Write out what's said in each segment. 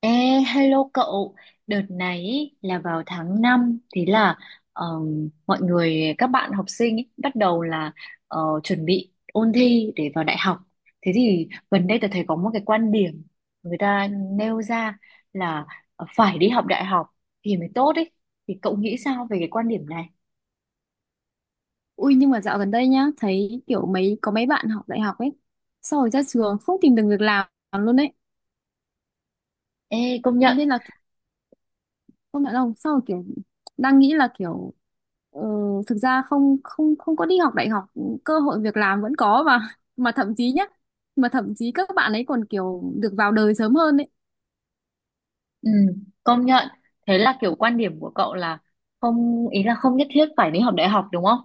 Ê, hello cậu, đợt này ý, là vào tháng 5, thế là mọi người các bạn học sinh ý, bắt đầu là chuẩn bị ôn thi để vào đại học. Thế thì gần đây tôi thấy có một cái quan điểm người ta nêu ra là phải đi học đại học thì mới tốt ấy. Thì cậu nghĩ sao về cái quan điểm này? Ui nhưng mà dạo gần đây nhá, thấy kiểu có mấy bạn học đại học ấy, sau rồi ra trường không tìm được việc làm luôn đấy. Ê, công Thế nhận, nên là không nhận lòng, sau rồi kiểu đang nghĩ là kiểu ờ, thực ra không không không có đi học đại học, cơ hội việc làm vẫn có mà mà thậm chí nhá, mà thậm chí các bạn ấy còn kiểu được vào đời sớm hơn ấy. ừ, công nhận. Thế là kiểu quan điểm của cậu là không ý là không nhất thiết phải đi học đại học đúng không?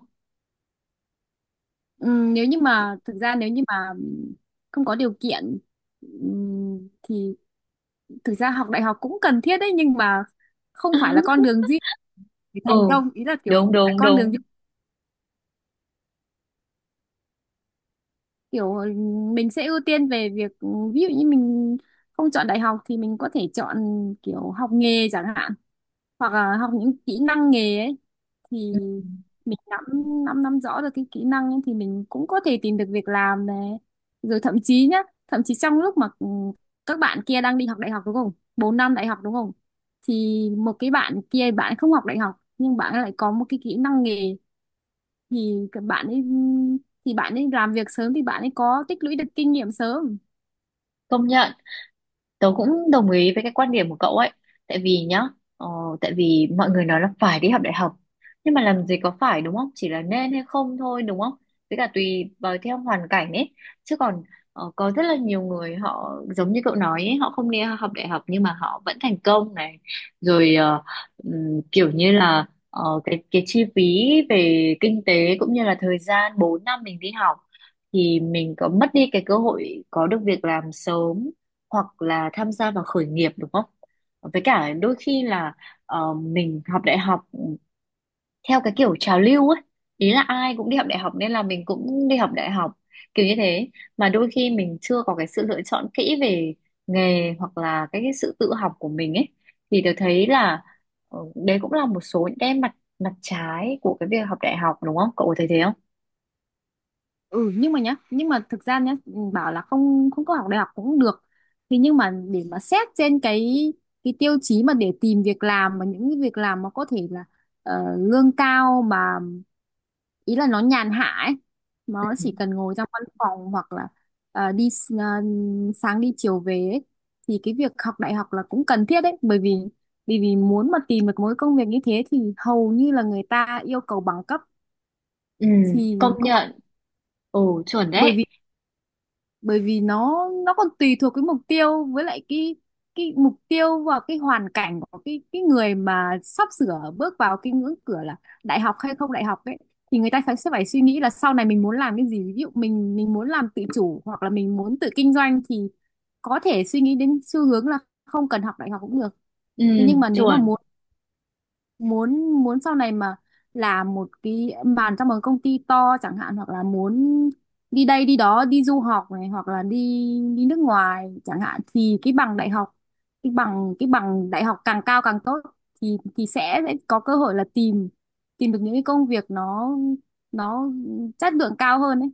Nếu như mà không có điều kiện thì thực ra học đại học cũng cần thiết đấy, nhưng mà không phải là con đường duy để Ừ, thành công, ý là kiểu đúng tại đúng con đường đúng. kiểu mình sẽ ưu tiên về việc, ví dụ như mình không chọn đại học thì mình có thể chọn kiểu học nghề chẳng hạn, hoặc là học những kỹ năng nghề ấy, thì mình nắm nắm nắm rõ được cái kỹ năng ấy, thì mình cũng có thể tìm được việc làm này, rồi thậm chí nhá, thậm chí trong lúc mà các bạn kia đang đi học đại học đúng không, 4 năm đại học đúng không, thì một cái bạn kia bạn không học đại học nhưng bạn lại có một cái kỹ năng nghề, thì các bạn ấy thì bạn ấy làm việc sớm thì bạn ấy có tích lũy được kinh nghiệm sớm. Công nhận, tớ cũng đồng ý với cái quan điểm của cậu ấy. Tại vì nhá, ờ, tại vì mọi người nói là phải đi học đại học. Nhưng mà làm gì có phải đúng không? Chỉ là nên hay không thôi đúng không? Với cả tùy vào theo hoàn cảnh ấy. Chứ còn có rất là nhiều người họ giống như cậu nói ấy, họ không đi học đại học nhưng mà họ vẫn thành công này. Rồi kiểu như là cái chi phí về kinh tế cũng như là thời gian 4 năm mình đi học thì mình có mất đi cái cơ hội có được việc làm sớm hoặc là tham gia vào khởi nghiệp đúng không? Với cả đôi khi là mình học đại học theo cái kiểu trào lưu ấy, ý là ai cũng đi học đại học nên là mình cũng đi học đại học kiểu như thế, mà đôi khi mình chưa có cái sự lựa chọn kỹ về nghề hoặc là cái sự tự học của mình ấy thì tôi thấy là đấy cũng là một số những cái mặt mặt trái của cái việc học đại học đúng không? Cậu có thấy thế không? Nhưng mà thực ra nhá, bảo là không không có học đại học cũng được, thì nhưng mà để mà xét trên cái tiêu chí mà để tìm việc làm, mà những cái việc làm mà có thể là lương cao mà, ý là nó nhàn hạ ấy, nó chỉ cần ngồi trong văn phòng, hoặc là ờ, đi s- sáng đi chiều về ấy. Thì cái việc học đại học là cũng cần thiết đấy, bởi vì vì vì muốn mà tìm được mỗi công việc như thế thì hầu như là người ta yêu cầu bằng cấp, Ừ, thì công cũng nhận. Ừ, chuẩn bởi đấy. vì nó còn tùy thuộc cái mục tiêu, với lại cái mục tiêu và cái hoàn cảnh của cái người mà sắp sửa bước vào cái ngưỡng cửa là đại học hay không đại học ấy, thì người ta sẽ phải suy nghĩ là sau này mình muốn làm cái gì, ví dụ mình muốn làm tự chủ, hoặc là mình muốn tự kinh doanh, thì có thể suy nghĩ đến xu hướng là không cần học đại học cũng được. Ừ, Thế nhưng mà nếu mà chuẩn. muốn muốn muốn sau này mà làm một cái bàn trong một công ty to chẳng hạn, hoặc là muốn đi đây đi đó, đi du học này, hoặc là đi đi nước ngoài chẳng hạn, thì cái bằng đại học, cái bằng đại học càng cao càng tốt, thì sẽ có cơ hội là tìm, tìm được những cái công việc nó nó chất lượng cao hơn ấy.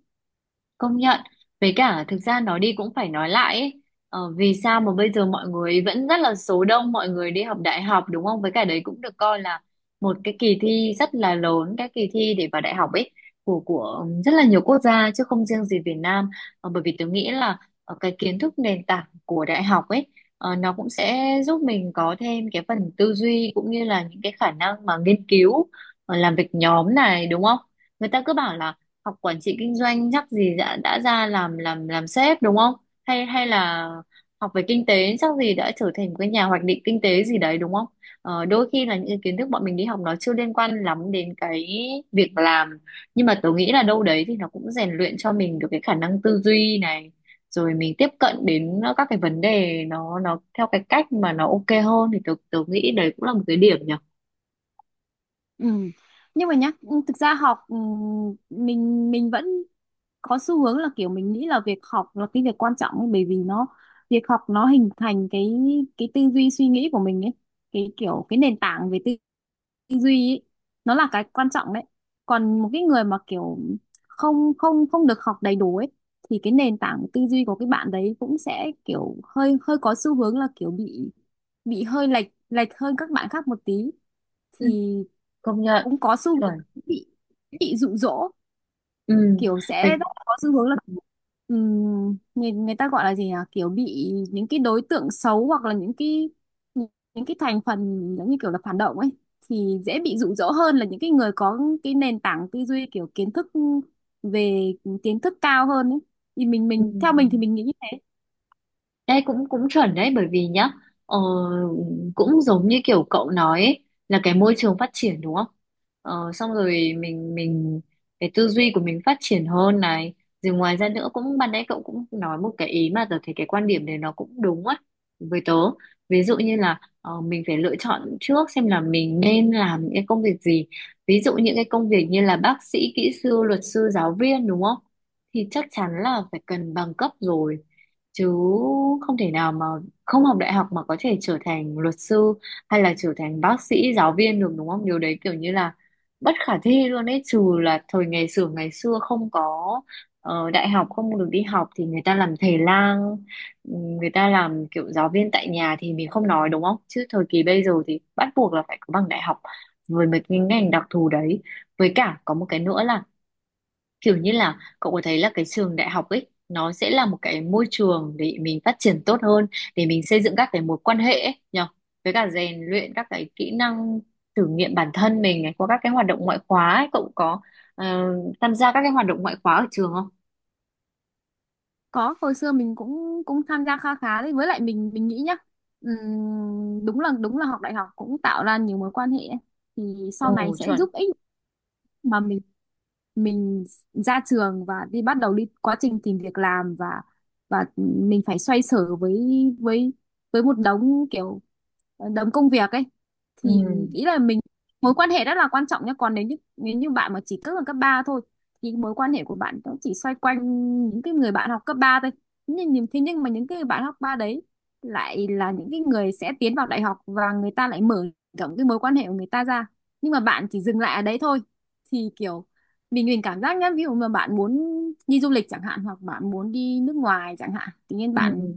Công nhận. Với cả thực ra nói đi cũng phải nói lại ấy. Vì sao mà bây giờ mọi người vẫn rất là số đông mọi người đi học đại học đúng không? Với cả đấy cũng được coi là một cái kỳ thi rất là lớn, cái kỳ thi để vào đại học ấy của rất là nhiều quốc gia chứ không riêng gì Việt Nam. Bởi vì tôi nghĩ là cái kiến thức nền tảng của đại học ấy nó cũng sẽ giúp mình có thêm cái phần tư duy cũng như là những cái khả năng mà nghiên cứu, làm việc nhóm này đúng không? Người ta cứ bảo là học quản trị kinh doanh chắc gì đã ra làm sếp đúng không? Hay hay là học về kinh tế chắc gì đã trở thành một cái nhà hoạch định kinh tế gì đấy đúng không? Đôi khi là những cái kiến thức bọn mình đi học nó chưa liên quan lắm đến cái việc làm nhưng mà tớ nghĩ là đâu đấy thì nó cũng rèn luyện cho mình được cái khả năng tư duy này rồi mình tiếp cận đến các cái vấn đề nó theo cái cách mà nó ok hơn thì tớ tớ nghĩ đấy cũng là một cái điểm nhỉ. Ừ. Nhưng mà nhá, thực ra học, mình vẫn có xu hướng là kiểu mình nghĩ là việc học là cái việc quan trọng ấy, bởi vì nó, việc học nó hình thành cái tư duy suy nghĩ của mình ấy, cái kiểu cái nền tảng về tư duy ấy nó là cái quan trọng đấy. Còn một cái người mà kiểu không không không được học đầy đủ ấy, thì cái nền tảng tư duy của cái bạn đấy cũng sẽ kiểu hơi, hơi có xu hướng là kiểu bị hơi lệch, lệch hơn các bạn khác một tí, Ừ, thì công nhận cũng có xu hướng chuẩn. bị bị dụ dỗ, Ừ, kiểu sẽ rất về, là có xu hướng là người người ta gọi là gì nhỉ, kiểu bị những cái đối tượng xấu, hoặc là những cái, những, những cái thành phần giống như kiểu là phản động ấy, thì dễ bị dụ dỗ hơn là những cái người có cái nền tảng tư duy kiểu kiến thức về, kiến thức cao hơn ấy, thì mình ừ. mình theo mình thì mình nghĩ như thế. Đây cũng cũng chuẩn đấy bởi vì nhá ờ, cũng giống như kiểu cậu nói ấy, là cái môi trường phát triển đúng không? Xong rồi mình cái tư duy của mình phát triển hơn này rồi ngoài ra nữa cũng ban nãy cậu cũng nói một cái ý mà tớ thấy cái quan điểm đấy nó cũng đúng á với tớ ví dụ như là mình phải lựa chọn trước xem là mình nên làm những cái công việc gì, ví dụ những cái công việc như là bác sĩ, kỹ sư, luật sư, giáo viên đúng không, thì chắc chắn là phải cần bằng cấp rồi chứ không thể nào mà không học đại học mà có thể trở thành luật sư hay là trở thành bác sĩ, giáo viên được đúng không, điều đấy kiểu như là bất khả thi luôn ấy, trừ là thời ngày xưa không có đại học, không được đi học thì người ta làm thầy lang, người ta làm kiểu giáo viên tại nhà thì mình không nói đúng không, chứ thời kỳ bây giờ thì bắt buộc là phải có bằng đại học với mấy cái ngành đặc thù đấy. Với cả có một cái nữa là kiểu như là cậu có thấy là cái trường đại học ấy nó sẽ là một cái môi trường để mình phát triển tốt hơn, để mình xây dựng các cái mối quan hệ ấy nhở, với cả rèn luyện các cái kỹ năng, thử nghiệm bản thân mình ấy, qua các cái hoạt động ngoại khóa ấy. Cậu có ờ, tham gia các cái hoạt động ngoại khóa ở trường không? Có hồi xưa mình cũng cũng tham gia kha khá đấy, với lại mình nghĩ nhá, đúng là học đại học cũng tạo ra nhiều mối quan hệ ấy, thì sau này Ồ sẽ chuẩn. giúp ích mà mình ra trường và đi, bắt đầu đi quá trình tìm việc làm, và và mình phải xoay sở với, với với một đống kiểu đống công việc ấy, Ừ. thì ý là mình, mối quan hệ rất là quan trọng nhé. Còn nếu như, nếu như bạn mà chỉ cấp ở cấp 3 thôi, thì mối quan hệ của bạn cũng chỉ xoay quanh những cái người bạn học cấp 3 thôi. Thế nhưng mà những cái người bạn học ba đấy lại là những cái người sẽ tiến vào đại học, và người ta lại mở rộng cái mối quan hệ của người ta ra, nhưng mà bạn chỉ dừng lại ở đấy thôi, thì kiểu mình cảm giác nhá, ví dụ mà bạn muốn đi du lịch chẳng hạn, hoặc bạn muốn đi nước ngoài chẳng hạn, tự nhiên Ừ. bạn,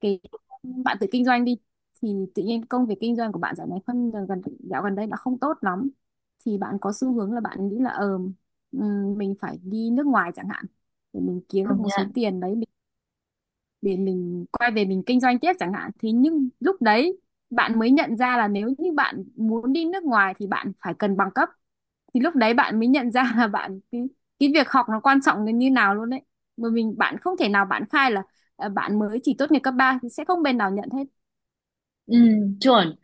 cái bạn tự kinh doanh đi, thì tự nhiên công việc kinh doanh của bạn dạo này phân gần dạo gần đây đã không tốt lắm, thì bạn có xu hướng là bạn nghĩ là mình phải đi nước ngoài chẳng hạn, để mình kiếm được Công một số nhận. tiền đấy, để mình quay về mình kinh doanh tiếp chẳng hạn, thì nhưng lúc đấy bạn mới nhận ra là nếu như bạn muốn đi nước ngoài thì bạn phải cần bằng cấp, thì lúc đấy bạn mới nhận ra là cái việc học nó quan trọng đến như nào luôn đấy. Mà bạn không thể nào bạn khai là bạn mới chỉ tốt nghiệp cấp 3 thì sẽ không bên nào nhận hết. Ừ, chuẩn.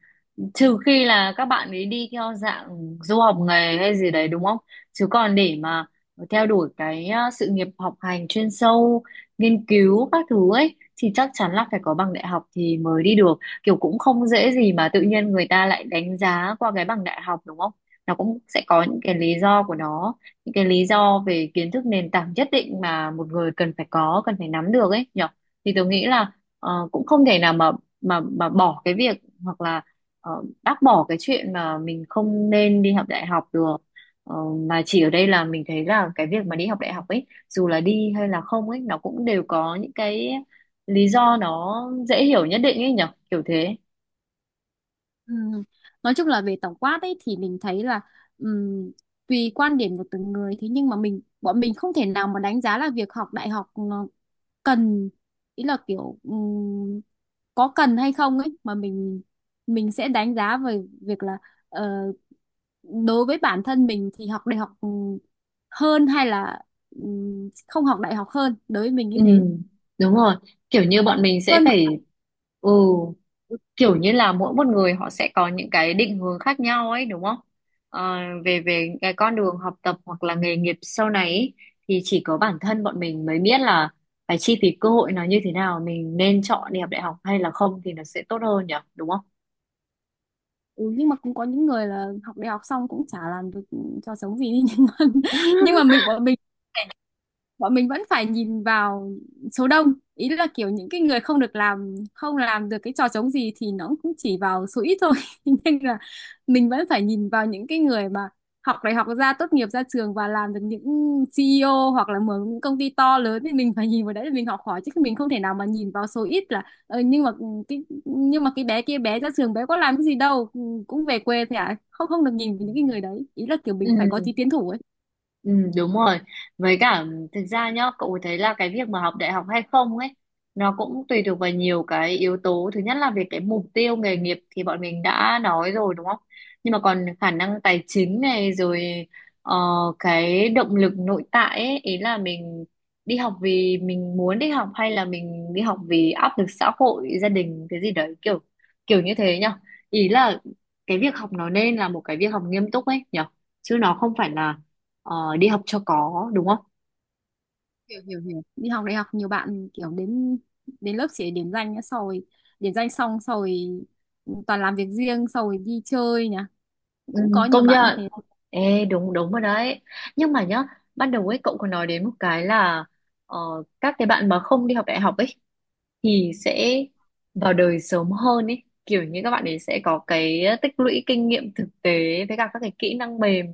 Trừ khi là các bạn ấy đi theo dạng du học nghề hay gì đấy đúng không? Chứ còn để mà theo đuổi cái sự nghiệp học hành chuyên sâu, nghiên cứu các thứ ấy thì chắc chắn là phải có bằng đại học thì mới đi được. Kiểu cũng không dễ gì mà tự nhiên người ta lại đánh giá qua cái bằng đại học đúng không? Nó cũng sẽ có những cái lý do của nó, những cái lý do về kiến thức nền tảng nhất định mà một người cần phải có, cần phải nắm được ấy nhở. Thì tôi nghĩ là cũng không thể nào mà bỏ cái việc hoặc là bác bỏ cái chuyện mà mình không nên đi học đại học được. Ờ, mà chỉ ở đây là mình thấy là cái việc mà đi học đại học ấy dù là đi hay là không ấy nó cũng đều có những cái lý do nó dễ hiểu nhất định ấy nhở kiểu thế. Ừ. Nói chung là về tổng quát ấy thì mình thấy là ừm, tùy quan điểm của từng người. Thế nhưng mà bọn mình không thể nào mà đánh giá là việc học đại học nó cần, ý là kiểu có cần hay không ấy, mà mình sẽ đánh giá về việc là ờ, đối với bản thân mình thì học đại học hơn, hay là không học đại học hơn, đối với mình như Ừ, thế. đúng rồi, kiểu như bọn mình sẽ Hơn. phải, ừ, kiểu như là mỗi một người họ sẽ có những cái định hướng khác nhau ấy đúng không? Ờ, về về cái con đường học tập hoặc là nghề nghiệp sau này ấy, thì chỉ có bản thân bọn mình mới biết là phải chi phí cơ hội nó như thế nào, mình nên chọn đi học đại học hay là không thì nó sẽ tốt hơn nhỉ đúng không? Ừ, nhưng mà cũng có những người là học đại học xong cũng chả làm được cho sống gì đi, nhưng mà nhưng mà bọn mình, bọn mình vẫn phải nhìn vào số đông, ý là kiểu những cái người không làm được cái trò trống gì thì nó cũng chỉ vào số ít thôi, nên là mình vẫn phải nhìn vào những cái người mà học đại học ra, tốt nghiệp ra trường, và làm được những CEO, hoặc là mở những công ty to lớn. Thì mình phải nhìn vào đấy để mình học hỏi, chứ mình không thể nào mà nhìn vào số ít là nhưng mà cái bé kia, bé ra trường bé có làm cái gì đâu, ừ, cũng về quê, thế à, không không được nhìn vào những cái người đấy, ý là kiểu Ừ. mình phải có tí tiến thủ ấy. Ừ, đúng rồi. Với cả thực ra nhá, cậu thấy là cái việc mà học đại học hay không ấy, nó cũng tùy thuộc vào nhiều cái yếu tố. Thứ nhất là về cái mục tiêu nghề nghiệp thì bọn mình đã nói rồi đúng không? Nhưng mà còn khả năng tài chính này rồi ờ, cái động lực nội tại ấy, ý là mình đi học vì mình muốn đi học hay là mình đi học vì áp lực xã hội, gia đình cái gì đấy, kiểu kiểu như thế nhá. Ý là cái việc học nó nên là một cái việc học nghiêm túc ấy nhở. Chứ nó không phải là đi học cho có đúng không? Hiểu hiểu hiểu đi học đại học nhiều bạn kiểu đến, đến lớp chỉ để điểm danh nhá, sau rồi điểm danh xong sau rồi toàn làm việc riêng, sau rồi đi chơi nhá, Ừ, cũng có nhiều công bạn như nhận. thế. Ê, đúng đúng rồi đấy. Nhưng mà nhá, ban đầu ấy cậu còn nói đến một cái là ờ, các cái bạn mà không đi học đại học ấy thì sẽ vào đời sớm hơn ấy, kiểu như các bạn ấy sẽ có cái tích lũy kinh nghiệm thực tế với cả các cái kỹ năng mềm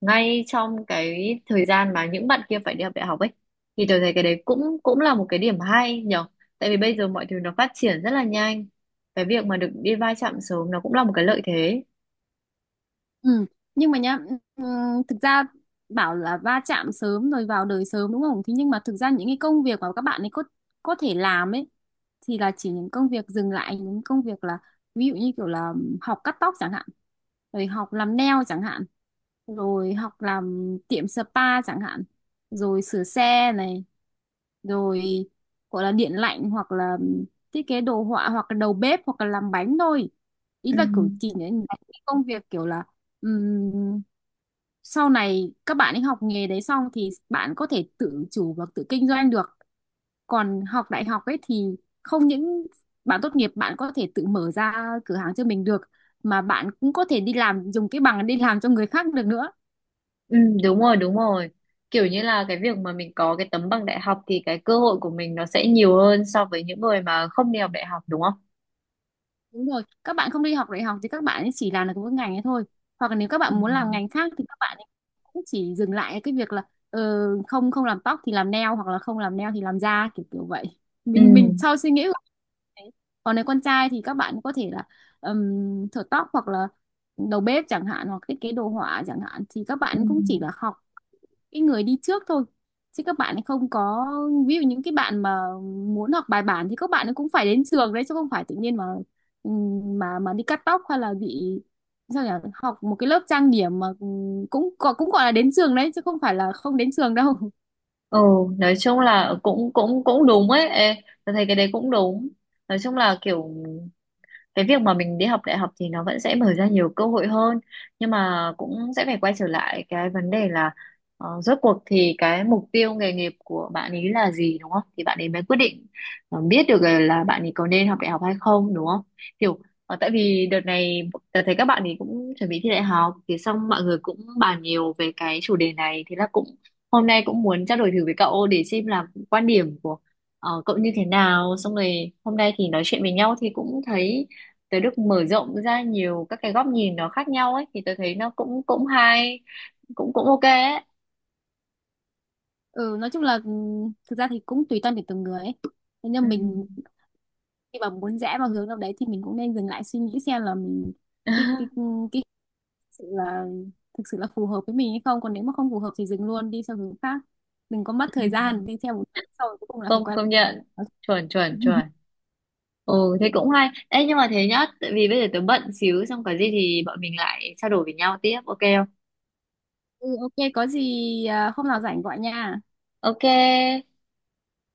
ngay trong cái thời gian mà những bạn kia phải đi học đại học ấy, thì tôi thấy cái đấy cũng cũng là một cái điểm hay nhở, tại vì bây giờ mọi thứ nó phát triển rất là nhanh, cái việc mà được đi va chạm sớm nó cũng là một cái lợi thế. Ừ. Nhưng mà nhá, thực ra bảo là va chạm sớm rồi vào đời sớm đúng không? Thế nhưng mà thực ra những cái công việc mà các bạn ấy có thể làm ấy, thì là chỉ những công việc dừng lại, những công việc là, ví dụ như kiểu là học cắt tóc chẳng hạn, rồi học làm nail chẳng hạn, rồi học làm tiệm spa chẳng hạn, rồi sửa xe này, rồi gọi là điện lạnh, hoặc là thiết kế đồ họa, hoặc là đầu bếp, hoặc là làm bánh thôi. Ý Ừ. là kiểu chỉ để những cái công việc kiểu là, ừm, sau này các bạn ấy học nghề đấy xong thì bạn có thể tự chủ và tự kinh doanh được. Còn học đại học ấy thì không những bạn tốt nghiệp bạn có thể tự mở ra cửa hàng cho mình được, mà bạn cũng có thể đi làm, dùng cái bằng đi làm cho người khác được nữa. Ừ, đúng rồi đúng rồi, kiểu như là cái việc mà mình có cái tấm bằng đại học thì cái cơ hội của mình nó sẽ nhiều hơn so với những người mà không đi học đại học đúng không? Đúng rồi, các bạn không đi học đại học thì các bạn ấy chỉ làm được mỗi ngành ấy thôi. Hoặc là nếu các Ừ. bạn muốn làm ngành khác thì các bạn ấy cũng chỉ dừng lại cái việc là ờ, không không làm tóc thì làm nail, hoặc là không làm nail thì làm da, kiểu kiểu vậy. Ừ, Mình sau suy nghĩ của mình. Còn nếu con trai thì các bạn có thể là thợ tóc, hoặc là đầu bếp chẳng hạn, hoặc thiết kế đồ họa chẳng hạn, thì các ừ, bạn cũng chỉ là học cái người đi trước thôi, chứ các bạn ấy không có, ví dụ những cái bạn mà muốn học bài bản thì các bạn ấy cũng phải đến trường đấy, chứ không phải tự nhiên mà mà đi cắt tóc hay là bị, sao nhỉ, học một cái lớp trang điểm mà, cũng có, cũng gọi là đến trường đấy, chứ không phải là không đến trường đâu. ừ, nói chung là cũng cũng cũng đúng ấy. Ê, tôi thấy cái đấy cũng đúng, nói chung là kiểu cái việc mà mình đi học đại học thì nó vẫn sẽ mở ra nhiều cơ hội hơn, nhưng mà cũng sẽ phải quay trở lại cái vấn đề là rốt cuộc thì cái mục tiêu nghề nghiệp của bạn ấy là gì đúng không, thì bạn ấy mới quyết định biết được là bạn ấy có nên học đại học hay không đúng không, kiểu tại vì đợt này tớ thấy các bạn ấy cũng chuẩn bị thi đại học thì xong mọi người cũng bàn nhiều về cái chủ đề này, thế là cũng hôm nay cũng muốn trao đổi thử với cậu để xem là quan điểm của cậu như thế nào, xong rồi hôm nay thì nói chuyện với nhau thì cũng thấy tới được mở rộng ra nhiều các cái góc nhìn nó khác nhau ấy, thì tôi thấy nó cũng cũng hay, cũng cũng ok ấy. Ừ nói chung là thực ra thì cũng tùy tâm để từng người ấy. Thế Ừ. nhưng mình khi mà muốn rẽ vào hướng nào đấy thì mình cũng nên dừng lại suy nghĩ xem là mình, cái cái cái sự là thực sự là phù hợp với mình hay không, còn nếu mà không phù hợp thì dừng luôn, đi sang hướng khác, đừng có mất Ừ. thời gian đi theo một hướng sau rồi cuối cùng là phải công quay công nhận, lại. chuẩn chuẩn chuẩn, ừ thế cũng hay. Ê, nhưng mà thế nhá, tại vì bây giờ tớ bận xíu, xong có gì thì bọn mình lại trao đổi với nhau tiếp ok không? Ừ, ok có gì, à, hôm nào rảnh gọi nha. Ok.